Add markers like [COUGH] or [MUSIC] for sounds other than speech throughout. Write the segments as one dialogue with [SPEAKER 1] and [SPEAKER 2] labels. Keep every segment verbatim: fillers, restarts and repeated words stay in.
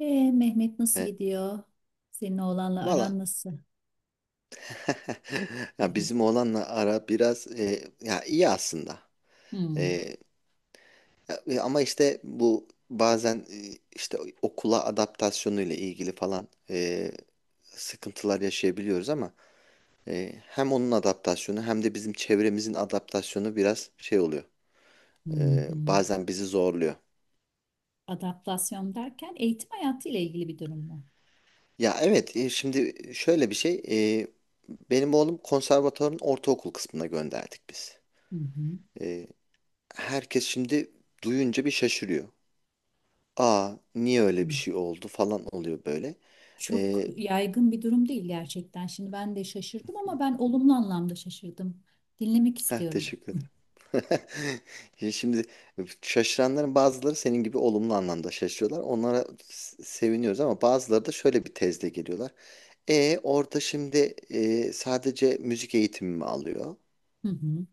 [SPEAKER 1] Ee, Mehmet nasıl
[SPEAKER 2] E,
[SPEAKER 1] gidiyor? Senin oğlanla aran
[SPEAKER 2] Valla
[SPEAKER 1] nasıl? [LAUGHS]
[SPEAKER 2] [LAUGHS]
[SPEAKER 1] Hı
[SPEAKER 2] ya
[SPEAKER 1] hı.
[SPEAKER 2] bizim oğlanla ara biraz e, ya iyi aslında.
[SPEAKER 1] Hmm,
[SPEAKER 2] E, e, Ama işte bu bazen e, işte okula adaptasyonu ile ilgili falan e, sıkıntılar yaşayabiliyoruz ama e, hem onun adaptasyonu hem de bizim çevremizin adaptasyonu biraz şey oluyor.
[SPEAKER 1] hı
[SPEAKER 2] E,
[SPEAKER 1] hı.
[SPEAKER 2] bazen bizi zorluyor.
[SPEAKER 1] Adaptasyon derken eğitim hayatı ile ilgili bir durum mu?
[SPEAKER 2] Ya evet, e, şimdi şöyle bir şey, e, benim oğlum konservatuvarın ortaokul kısmına gönderdik biz.
[SPEAKER 1] Hı hı.
[SPEAKER 2] E, Herkes şimdi duyunca bir şaşırıyor. Aa, niye
[SPEAKER 1] Hı.
[SPEAKER 2] öyle bir şey oldu falan oluyor böyle.
[SPEAKER 1] Çok
[SPEAKER 2] Ee,
[SPEAKER 1] yaygın bir durum değil gerçekten. Şimdi ben de şaşırdım ama ben olumlu anlamda şaşırdım. Dinlemek
[SPEAKER 2] heh,
[SPEAKER 1] istiyorum.
[SPEAKER 2] Teşekkür
[SPEAKER 1] Hı.
[SPEAKER 2] ederim. [LAUGHS] Şimdi şaşıranların bazıları senin gibi olumlu anlamda şaşırıyorlar. Onlara s- seviniyoruz ama bazıları da şöyle bir tezle geliyorlar. E orada şimdi, e, sadece müzik eğitimi mi alıyor?
[SPEAKER 1] Hı hı.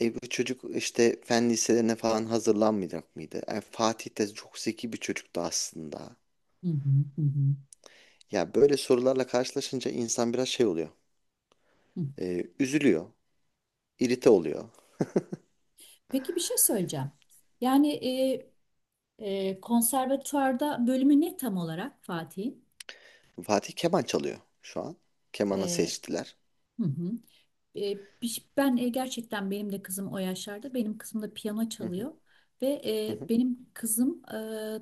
[SPEAKER 2] E bu çocuk işte fen liselerine falan hazırlanmayacak mıydı? E, Fatih de çok zeki bir çocuktu aslında.
[SPEAKER 1] Hı hı. Hı hı.
[SPEAKER 2] Ya böyle sorularla karşılaşınca insan biraz şey oluyor.
[SPEAKER 1] Hı.
[SPEAKER 2] Ee, üzülüyor, irite oluyor.
[SPEAKER 1] Peki bir şey söyleyeceğim. Yani e, e, konservatuvarda bölümü ne tam olarak Fatih'in?
[SPEAKER 2] Fatih keman çalıyor şu an. Kemanı
[SPEAKER 1] E,
[SPEAKER 2] seçtiler.
[SPEAKER 1] hı hı. E, biş- Ben e, gerçekten benim de kızım o yaşlarda. Benim kızım da piyano
[SPEAKER 2] Hı hı,
[SPEAKER 1] çalıyor ve
[SPEAKER 2] hı
[SPEAKER 1] e,
[SPEAKER 2] hı.
[SPEAKER 1] benim kızım e,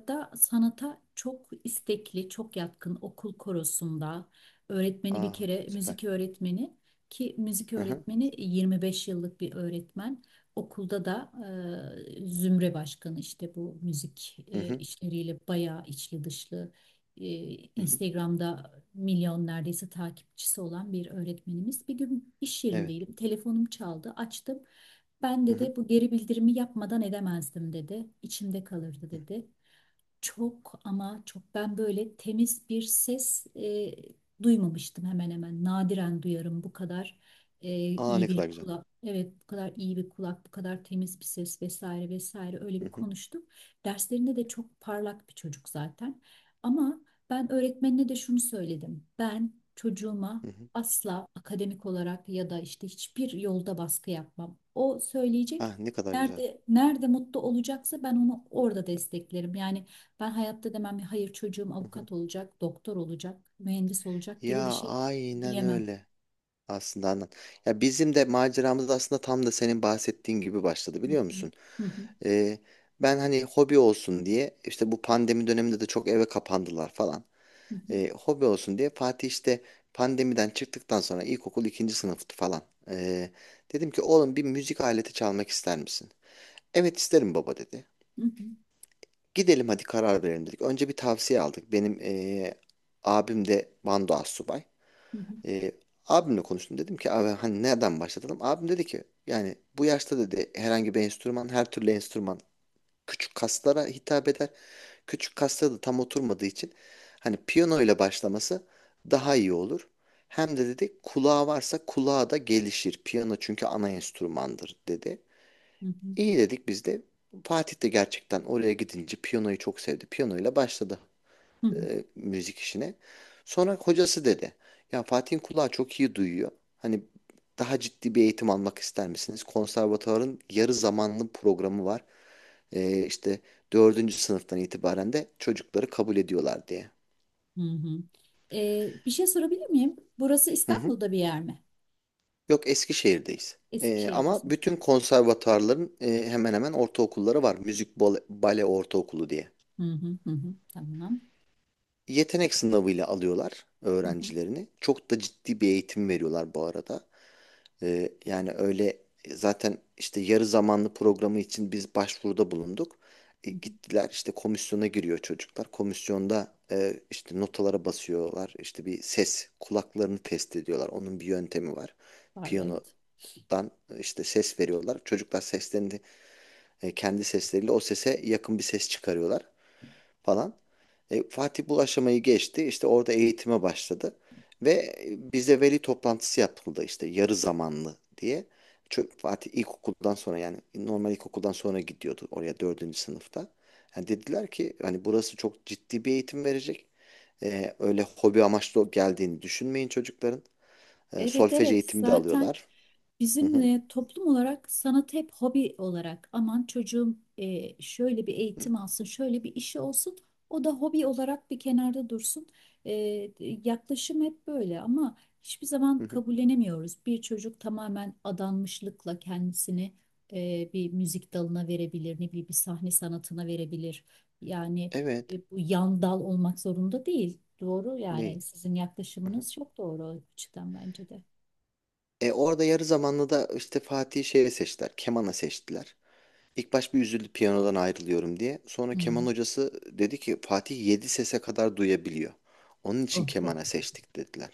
[SPEAKER 1] da sanata çok istekli, çok yatkın. Okul korosunda öğretmeni bir
[SPEAKER 2] Aa,
[SPEAKER 1] kere
[SPEAKER 2] süper.
[SPEAKER 1] müzik öğretmeni, ki müzik
[SPEAKER 2] Hı hı,
[SPEAKER 1] öğretmeni yirmi beş yıllık bir öğretmen. Okulda da e, zümre başkanı, işte bu müzik
[SPEAKER 2] hı
[SPEAKER 1] e,
[SPEAKER 2] hı,
[SPEAKER 1] işleriyle bayağı içli dışlı, e,
[SPEAKER 2] hı hı.
[SPEAKER 1] Instagram'da milyon neredeyse takipçisi olan bir öğretmenimiz. Bir gün iş
[SPEAKER 2] Evet.
[SPEAKER 1] yerindeydim. Telefonum çaldı. Açtım. Ben
[SPEAKER 2] Hı hı,
[SPEAKER 1] dedi, bu geri bildirimi yapmadan edemezdim dedi. İçimde kalırdı
[SPEAKER 2] hı.
[SPEAKER 1] dedi. Çok ama çok, ben böyle temiz bir ses e, duymamıştım hemen hemen. Nadiren duyarım bu kadar e,
[SPEAKER 2] Aa,
[SPEAKER 1] iyi
[SPEAKER 2] ne
[SPEAKER 1] bir
[SPEAKER 2] kadar güzel.
[SPEAKER 1] kulak. Evet, bu kadar iyi bir kulak, bu kadar temiz bir ses, vesaire vesaire, öyle
[SPEAKER 2] Hı
[SPEAKER 1] bir
[SPEAKER 2] hı,
[SPEAKER 1] konuştuk. Derslerinde de çok parlak bir çocuk zaten. Ama ben öğretmenine de şunu söyledim. Ben çocuğuma
[SPEAKER 2] hı hı.
[SPEAKER 1] asla akademik olarak ya da işte hiçbir yolda baskı yapmam. O söyleyecek.
[SPEAKER 2] Ah, ne kadar güzel.
[SPEAKER 1] Nerede, nerede mutlu olacaksa ben onu orada desteklerim. Yani ben hayatta demem ya, hayır çocuğum
[SPEAKER 2] Hı hı.
[SPEAKER 1] avukat olacak, doktor olacak, mühendis olacak gibi bir
[SPEAKER 2] Ya
[SPEAKER 1] şey
[SPEAKER 2] aynen
[SPEAKER 1] diyemem.
[SPEAKER 2] öyle. Aslında anlat. Ya bizim de maceramız aslında tam da senin bahsettiğin gibi başladı,
[SPEAKER 1] Hı
[SPEAKER 2] biliyor
[SPEAKER 1] hı,
[SPEAKER 2] musun?
[SPEAKER 1] hı hı,
[SPEAKER 2] Ee, Ben hani hobi olsun diye işte bu pandemi döneminde de çok eve kapandılar falan.
[SPEAKER 1] hı hı,
[SPEAKER 2] E, hobi olsun diye Fatih işte pandemiden çıktıktan sonra ilkokul ikinci sınıftı falan. E, Dedim ki oğlum, bir müzik aleti çalmak ister misin? Evet isterim baba, dedi.
[SPEAKER 1] hı hı,
[SPEAKER 2] Gidelim hadi karar verelim, dedik. Önce bir tavsiye aldık. Benim e, abim de bando astsubay. E, Abimle konuştum, dedim ki abi hani nereden başlatalım? Abim dedi ki yani bu yaşta dedi herhangi bir enstrüman, her türlü enstrüman küçük kaslara hitap eder. Küçük kasta da tam oturmadığı için hani piyano ile başlaması daha iyi olur. Hem de dedi kulağı varsa kulağı da gelişir. Piyano çünkü ana enstrümandır, dedi.
[SPEAKER 1] hı hı,
[SPEAKER 2] İyi dedik biz de. Fatih de gerçekten oraya gidince piyanoyu çok sevdi. Piyano ile başladı
[SPEAKER 1] hı hı,
[SPEAKER 2] e, müzik işine. Sonra hocası dedi. Ya Fatih'in kulağı çok iyi duyuyor. Hani daha ciddi bir eğitim almak ister misiniz? Konservatuvarın yarı zamanlı programı var, e, işte dördüncü sınıftan itibaren de çocukları kabul ediyorlar diye.
[SPEAKER 1] hı hı. Ee, bir şey sorabilir miyim? Burası
[SPEAKER 2] Hı hı.
[SPEAKER 1] İstanbul'da bir yer mi?
[SPEAKER 2] Yok, Eskişehir'deyiz. E, ama
[SPEAKER 1] Eskişehir'desiniz.
[SPEAKER 2] bütün konservatuarların e, hemen hemen ortaokulları var. Müzik bale, bale ortaokulu diye.
[SPEAKER 1] Hı hı, hı hı, tamam.
[SPEAKER 2] Yetenek sınavıyla alıyorlar
[SPEAKER 1] Hı hı,
[SPEAKER 2] öğrencilerini. Çok da ciddi bir eğitim veriyorlar bu arada. Ee, yani öyle, e, zaten işte yarı zamanlı programı için biz başvuruda bulunduk. E,
[SPEAKER 1] hı hı.
[SPEAKER 2] gittiler, işte komisyona giriyor çocuklar. Komisyonda, e, işte notalara basıyorlar. İşte bir ses kulaklarını test ediyorlar. Onun bir yöntemi var.
[SPEAKER 1] Var,
[SPEAKER 2] Piyanodan,
[SPEAKER 1] evet.
[SPEAKER 2] e, işte ses veriyorlar. Çocuklar seslerini, e, kendi sesleriyle o sese yakın bir ses çıkarıyorlar falan. E, Fatih bu aşamayı geçti. İşte orada eğitime başladı. Ve bize veli toplantısı yapıldı işte yarı zamanlı diye. Çö- Fatih ilkokuldan sonra, yani normal ilkokuldan sonra gidiyordu oraya dördüncü sınıfta. Yani dediler ki hani burası çok ciddi bir eğitim verecek. E, öyle hobi amaçlı geldiğini düşünmeyin çocukların. E,
[SPEAKER 1] Evet
[SPEAKER 2] solfej
[SPEAKER 1] evet,
[SPEAKER 2] eğitimi de
[SPEAKER 1] zaten
[SPEAKER 2] alıyorlar. Hı
[SPEAKER 1] bizim
[SPEAKER 2] hı,
[SPEAKER 1] e, toplum olarak sanatı hep hobi olarak, aman çocuğum e, şöyle bir
[SPEAKER 2] hı,
[SPEAKER 1] eğitim alsın, şöyle bir işi olsun, o da hobi olarak bir kenarda dursun. E, yaklaşım hep böyle ama hiçbir zaman
[SPEAKER 2] hı hı.
[SPEAKER 1] kabullenemiyoruz. Bir çocuk tamamen adanmışlıkla kendisini e, bir müzik dalına verebilir, ne bileyim bir sahne sanatına verebilir. Yani
[SPEAKER 2] Evet
[SPEAKER 1] e, bu yan dal olmak zorunda değil. Doğru, yani
[SPEAKER 2] değil.
[SPEAKER 1] sizin
[SPEAKER 2] Hı hı.
[SPEAKER 1] yaklaşımınız çok doğru o açıdan bence de.
[SPEAKER 2] E, orada yarı zamanlı da işte Fatih'i şeye seçtiler. Kemana seçtiler. İlk baş bir üzüldü, piyanodan ayrılıyorum diye. Sonra keman
[SPEAKER 1] Hmm.
[SPEAKER 2] hocası dedi ki Fatih yedi sese kadar duyabiliyor. Onun için
[SPEAKER 1] Oh, oh.
[SPEAKER 2] kemana seçtik, dediler.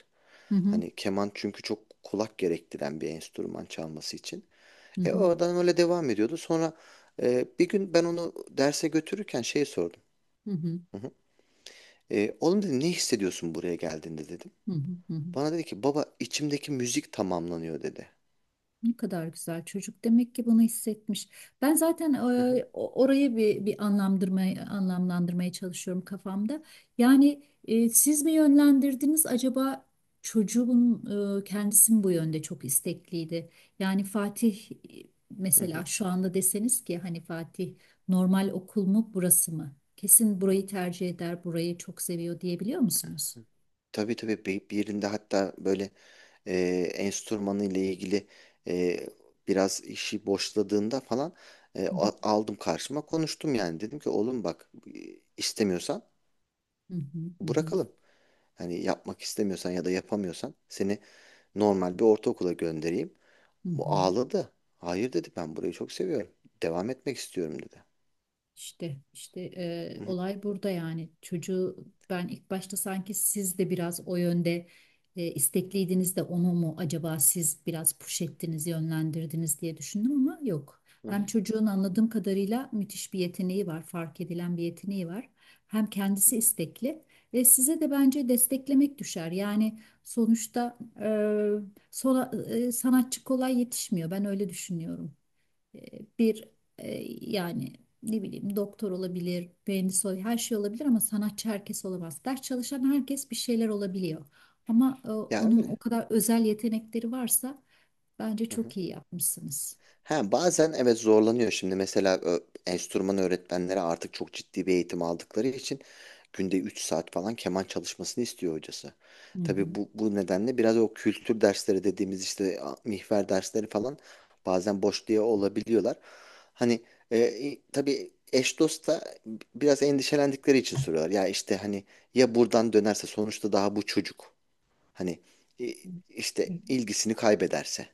[SPEAKER 1] Hı hı,
[SPEAKER 2] Hani keman çünkü çok kulak gerektiren bir enstrüman, çalması için.
[SPEAKER 1] hı
[SPEAKER 2] E
[SPEAKER 1] hı,
[SPEAKER 2] oradan öyle devam ediyordu. Sonra e, bir gün ben onu derse götürürken şey sordum.
[SPEAKER 1] hı hı,
[SPEAKER 2] Hı hı. E, oğlum dedi ne hissediyorsun buraya geldiğinde dedim.
[SPEAKER 1] hı hı, hı hı.
[SPEAKER 2] Bana dedi ki baba içimdeki müzik tamamlanıyor, dedi.
[SPEAKER 1] Ne kadar güzel çocuk, demek ki bunu hissetmiş. Ben zaten e,
[SPEAKER 2] Hı hı.
[SPEAKER 1] o- orayı bir bir anlamlandırmaya anlamlandırmaya çalışıyorum kafamda. Yani e, siz mi yönlendirdiniz acaba, çocuğun e, kendisi mi bu yönde çok istekliydi? Yani Fatih e,
[SPEAKER 2] Hı
[SPEAKER 1] mesela
[SPEAKER 2] hı.
[SPEAKER 1] şu anda deseniz ki hani Fatih normal okul mu, burası mı? Kesin burayı tercih eder, burayı çok seviyor diyebiliyor musunuz?
[SPEAKER 2] Tabii tabii, bir bir yerinde hatta böyle e, enstrümanı ile ilgili, e, biraz işi boşladığında falan e,
[SPEAKER 1] Hı hı,
[SPEAKER 2] a- aldım karşıma konuştum yani dedim ki oğlum bak, e, istemiyorsan
[SPEAKER 1] hı hı, hı hı.
[SPEAKER 2] bırakalım. Hani yapmak istemiyorsan ya da yapamıyorsan seni normal bir ortaokula göndereyim.
[SPEAKER 1] Hı
[SPEAKER 2] Bu
[SPEAKER 1] hı.
[SPEAKER 2] ağladı. Hayır dedi, ben burayı çok seviyorum. Devam etmek istiyorum, dedi.
[SPEAKER 1] İşte işte e,
[SPEAKER 2] Hı hı,
[SPEAKER 1] olay burada, yani çocuğu ben ilk başta sanki siz de biraz o yönde e, istekliydiniz de onu mu acaba siz biraz push ettiniz, yönlendirdiniz diye düşündüm ama yok.
[SPEAKER 2] hı
[SPEAKER 1] Hem
[SPEAKER 2] hı.
[SPEAKER 1] çocuğun anladığım kadarıyla müthiş bir yeteneği var, fark edilen bir yeteneği var, hem kendisi istekli ve size de bence desteklemek düşer, yani sonuçta e, sola- e, sanatçı kolay yetişmiyor, ben öyle düşünüyorum. E, bir e, yani ne bileyim, doktor olabilir, mühendis olabilir, her şey olabilir ama sanatçı herkes olamaz. Ders çalışan herkes bir şeyler olabiliyor. Ama e,
[SPEAKER 2] Ya
[SPEAKER 1] onun o
[SPEAKER 2] öyle.
[SPEAKER 1] kadar özel yetenekleri varsa bence
[SPEAKER 2] Hı hı.
[SPEAKER 1] çok iyi yapmışsınız.
[SPEAKER 2] Ha, bazen evet zorlanıyor şimdi mesela ö- enstrüman öğretmenleri artık çok ciddi bir eğitim aldıkları için günde üç saat falan keman çalışmasını istiyor hocası.
[SPEAKER 1] Hı hı.
[SPEAKER 2] Tabii bu, bu nedenle biraz o kültür dersleri dediğimiz işte a- mihver dersleri falan bazen boş diye olabiliyorlar. Hani e, e, tabii eş dost da biraz endişelendikleri için soruyorlar. Ya işte hani ya buradan dönerse sonuçta daha bu çocuk hani e,
[SPEAKER 1] Hı.
[SPEAKER 2] işte ilgisini kaybederse.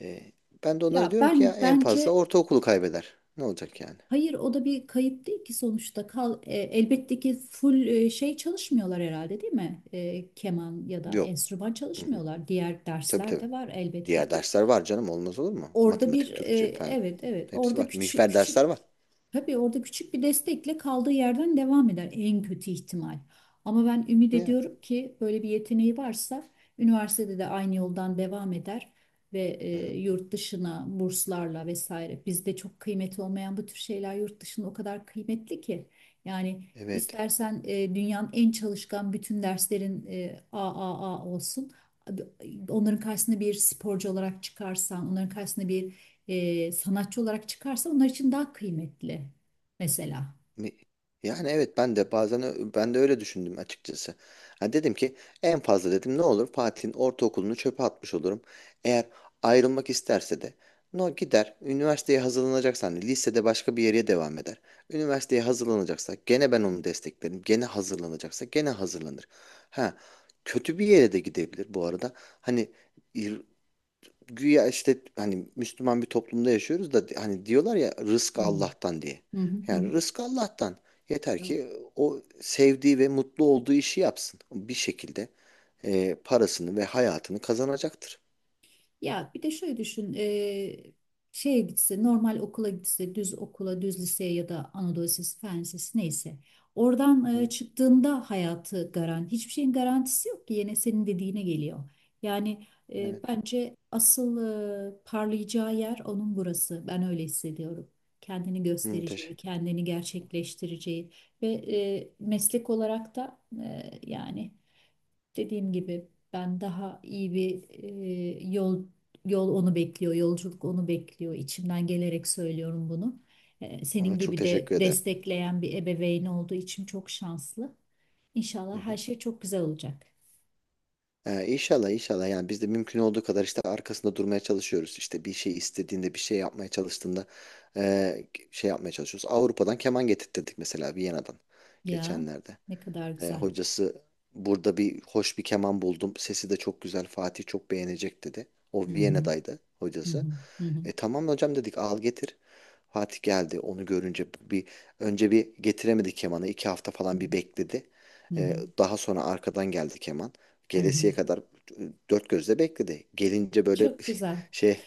[SPEAKER 2] E, Ben de onlara
[SPEAKER 1] Ya
[SPEAKER 2] diyorum ki ya
[SPEAKER 1] ben
[SPEAKER 2] en fazla
[SPEAKER 1] bence
[SPEAKER 2] ortaokulu kaybeder. Ne olacak yani?
[SPEAKER 1] hayır, o da bir kayıp değil ki sonuçta, kal e, elbette ki full e, şey çalışmıyorlar herhalde değil mi? E, keman ya da
[SPEAKER 2] Yok.
[SPEAKER 1] enstrüman
[SPEAKER 2] Hı hı.
[SPEAKER 1] çalışmıyorlar. Diğer
[SPEAKER 2] Tabii
[SPEAKER 1] dersler
[SPEAKER 2] tabii.
[SPEAKER 1] de var elbette
[SPEAKER 2] Diğer
[SPEAKER 1] ki.
[SPEAKER 2] dersler var canım, olmaz olur mu?
[SPEAKER 1] Orada bir
[SPEAKER 2] Matematik,
[SPEAKER 1] e,
[SPEAKER 2] Türkçe falan
[SPEAKER 1] evet evet,
[SPEAKER 2] hepsi
[SPEAKER 1] orada
[SPEAKER 2] var.
[SPEAKER 1] küçük
[SPEAKER 2] Mikfer
[SPEAKER 1] küçük,
[SPEAKER 2] dersler var.
[SPEAKER 1] tabii orada küçük bir destekle kaldığı yerden devam eder en kötü ihtimal. Ama ben ümit
[SPEAKER 2] Yani.
[SPEAKER 1] ediyorum ki böyle bir yeteneği varsa üniversitede de aynı yoldan devam eder ve
[SPEAKER 2] Hı hı.
[SPEAKER 1] e, yurt dışına burslarla vesaire, bizde çok kıymeti olmayan bu tür şeyler yurt dışında o kadar kıymetli ki, yani
[SPEAKER 2] Evet.
[SPEAKER 1] istersen e, dünyanın en çalışkan bütün derslerin e, A A A olsun, onların karşısında bir sporcu olarak çıkarsan, onların karşısında bir e, sanatçı olarak çıkarsa onlar için daha kıymetli mesela.
[SPEAKER 2] Mi- Yani evet ben de bazen ö- ben de öyle düşündüm açıkçası. Ha dedim ki en fazla dedim ne olur Fatih'in ortaokulunu çöpe atmış olurum. Eğer ayrılmak isterse de no gider üniversiteye hazırlanacaksa hani lisede başka bir yere devam eder. Üniversiteye hazırlanacaksa gene ben onu desteklerim. Gene hazırlanacaksa gene hazırlanır. Ha, kötü bir yere de gidebilir bu arada. Hani güya işte hani Müslüman bir toplumda yaşıyoruz da hani diyorlar ya rızk
[SPEAKER 1] Hmm.
[SPEAKER 2] Allah'tan diye.
[SPEAKER 1] Hı hı
[SPEAKER 2] Yani rızk Allah'tan. Yeter
[SPEAKER 1] hı.
[SPEAKER 2] ki o sevdiği ve mutlu olduğu işi yapsın. Bir şekilde e, parasını ve hayatını kazanacaktır.
[SPEAKER 1] Ya bir de şöyle düşün, eee, şeye gitse, normal okula gitse, düz okula, düz liseye ya da Anadolu Lisesi, Fen Lisesi neyse. Oradan eee,
[SPEAKER 2] Hı,
[SPEAKER 1] çıktığında hayatı garanti, hiçbir şeyin garantisi yok ki, yine senin dediğine geliyor. Yani eee,
[SPEAKER 2] evet.
[SPEAKER 1] bence asıl eee, parlayacağı yer onun burası. Ben öyle hissediyorum. Kendini
[SPEAKER 2] Hı,
[SPEAKER 1] göstereceği,
[SPEAKER 2] teşekkür.
[SPEAKER 1] kendini gerçekleştireceği ve eee, meslek olarak da eee, yani dediğim gibi ben daha iyi bir e, yol yol onu bekliyor, yolculuk onu bekliyor. İçimden gelerek söylüyorum bunu. E,
[SPEAKER 2] Ona
[SPEAKER 1] senin
[SPEAKER 2] çok
[SPEAKER 1] gibi de
[SPEAKER 2] teşekkür ederim.
[SPEAKER 1] destekleyen bir ebeveyn olduğu için çok şanslı.
[SPEAKER 2] Hı
[SPEAKER 1] İnşallah her
[SPEAKER 2] hı.
[SPEAKER 1] şey çok güzel olacak.
[SPEAKER 2] E, inşallah inşallah yani biz de mümkün olduğu kadar işte arkasında durmaya çalışıyoruz. İşte bir şey istediğinde, bir şey yapmaya çalıştığında e, şey yapmaya çalışıyoruz. Avrupa'dan keman getirttirdik mesela, Viyana'dan
[SPEAKER 1] Ya
[SPEAKER 2] geçenlerde.
[SPEAKER 1] ne kadar
[SPEAKER 2] E,
[SPEAKER 1] güzel.
[SPEAKER 2] hocası burada bir hoş bir keman buldum. Sesi de çok güzel. Fatih çok beğenecek, dedi. O
[SPEAKER 1] Hı hı,
[SPEAKER 2] Viyana'daydı,
[SPEAKER 1] hı
[SPEAKER 2] hocası.
[SPEAKER 1] hı, hı hı,
[SPEAKER 2] E tamam hocam dedik, al getir. Fatih geldi. Onu görünce bir önce bir getiremedi kemanı. iki hafta
[SPEAKER 1] hı
[SPEAKER 2] falan bir bekledi.
[SPEAKER 1] hı, hı
[SPEAKER 2] E,
[SPEAKER 1] hı,
[SPEAKER 2] daha sonra arkadan geldi keman.
[SPEAKER 1] hı hı.
[SPEAKER 2] Gelesiye kadar e, dört gözle bekledi. Gelince böyle
[SPEAKER 1] Çok güzel.
[SPEAKER 2] [LAUGHS] şey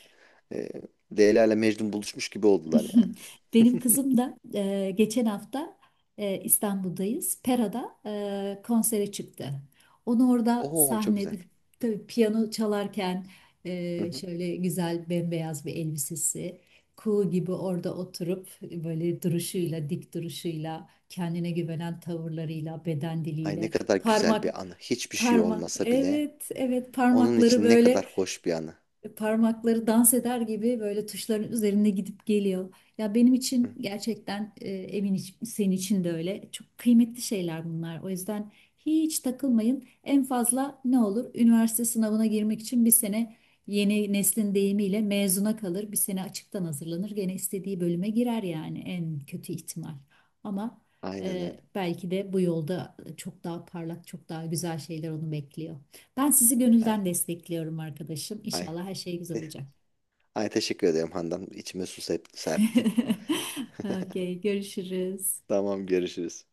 [SPEAKER 2] e, Leyla ile Mecnun buluşmuş gibi oldular yani.
[SPEAKER 1] [LAUGHS] Benim kızım da e, geçen hafta e, İstanbul'dayız. Pera'da e, konsere çıktı. Onu orada
[SPEAKER 2] Oo, çok güzel.
[SPEAKER 1] sahnede, tabii piyano çalarken,
[SPEAKER 2] Hı
[SPEAKER 1] e,
[SPEAKER 2] hı.
[SPEAKER 1] şöyle güzel bembeyaz bir elbisesi, kuğu gibi orada oturup böyle duruşuyla, dik duruşuyla, kendine güvenen tavırlarıyla, beden
[SPEAKER 2] Ay, ne
[SPEAKER 1] diliyle,
[SPEAKER 2] kadar güzel
[SPEAKER 1] parmak
[SPEAKER 2] bir anı. Hiçbir şey
[SPEAKER 1] parma
[SPEAKER 2] olmasa bile
[SPEAKER 1] evet evet
[SPEAKER 2] onun
[SPEAKER 1] parmakları
[SPEAKER 2] için ne kadar
[SPEAKER 1] böyle,
[SPEAKER 2] hoş bir anı.
[SPEAKER 1] parmakları dans eder gibi böyle tuşların üzerinde gidip geliyor. Ya benim için
[SPEAKER 2] Hı,
[SPEAKER 1] gerçekten e, emin iç- senin için de öyle. Çok kıymetli şeyler bunlar. O yüzden hiç takılmayın. En fazla ne olur? Üniversite sınavına girmek için bir sene, yeni neslin deyimiyle, mezuna kalır. Bir sene açıktan hazırlanır. Gene istediği bölüme girer yani, en kötü ihtimal. Ama
[SPEAKER 2] aynen
[SPEAKER 1] e,
[SPEAKER 2] öyle.
[SPEAKER 1] belki de bu yolda çok daha parlak, çok daha güzel şeyler onu bekliyor. Ben sizi
[SPEAKER 2] Ay,
[SPEAKER 1] gönülden destekliyorum arkadaşım.
[SPEAKER 2] ay,
[SPEAKER 1] İnşallah her şey güzel olacak.
[SPEAKER 2] ay, teşekkür ederim Handan. İçime su sep- serptin.
[SPEAKER 1] [LAUGHS] Okey, görüşürüz.
[SPEAKER 2] Tamam görüşürüz.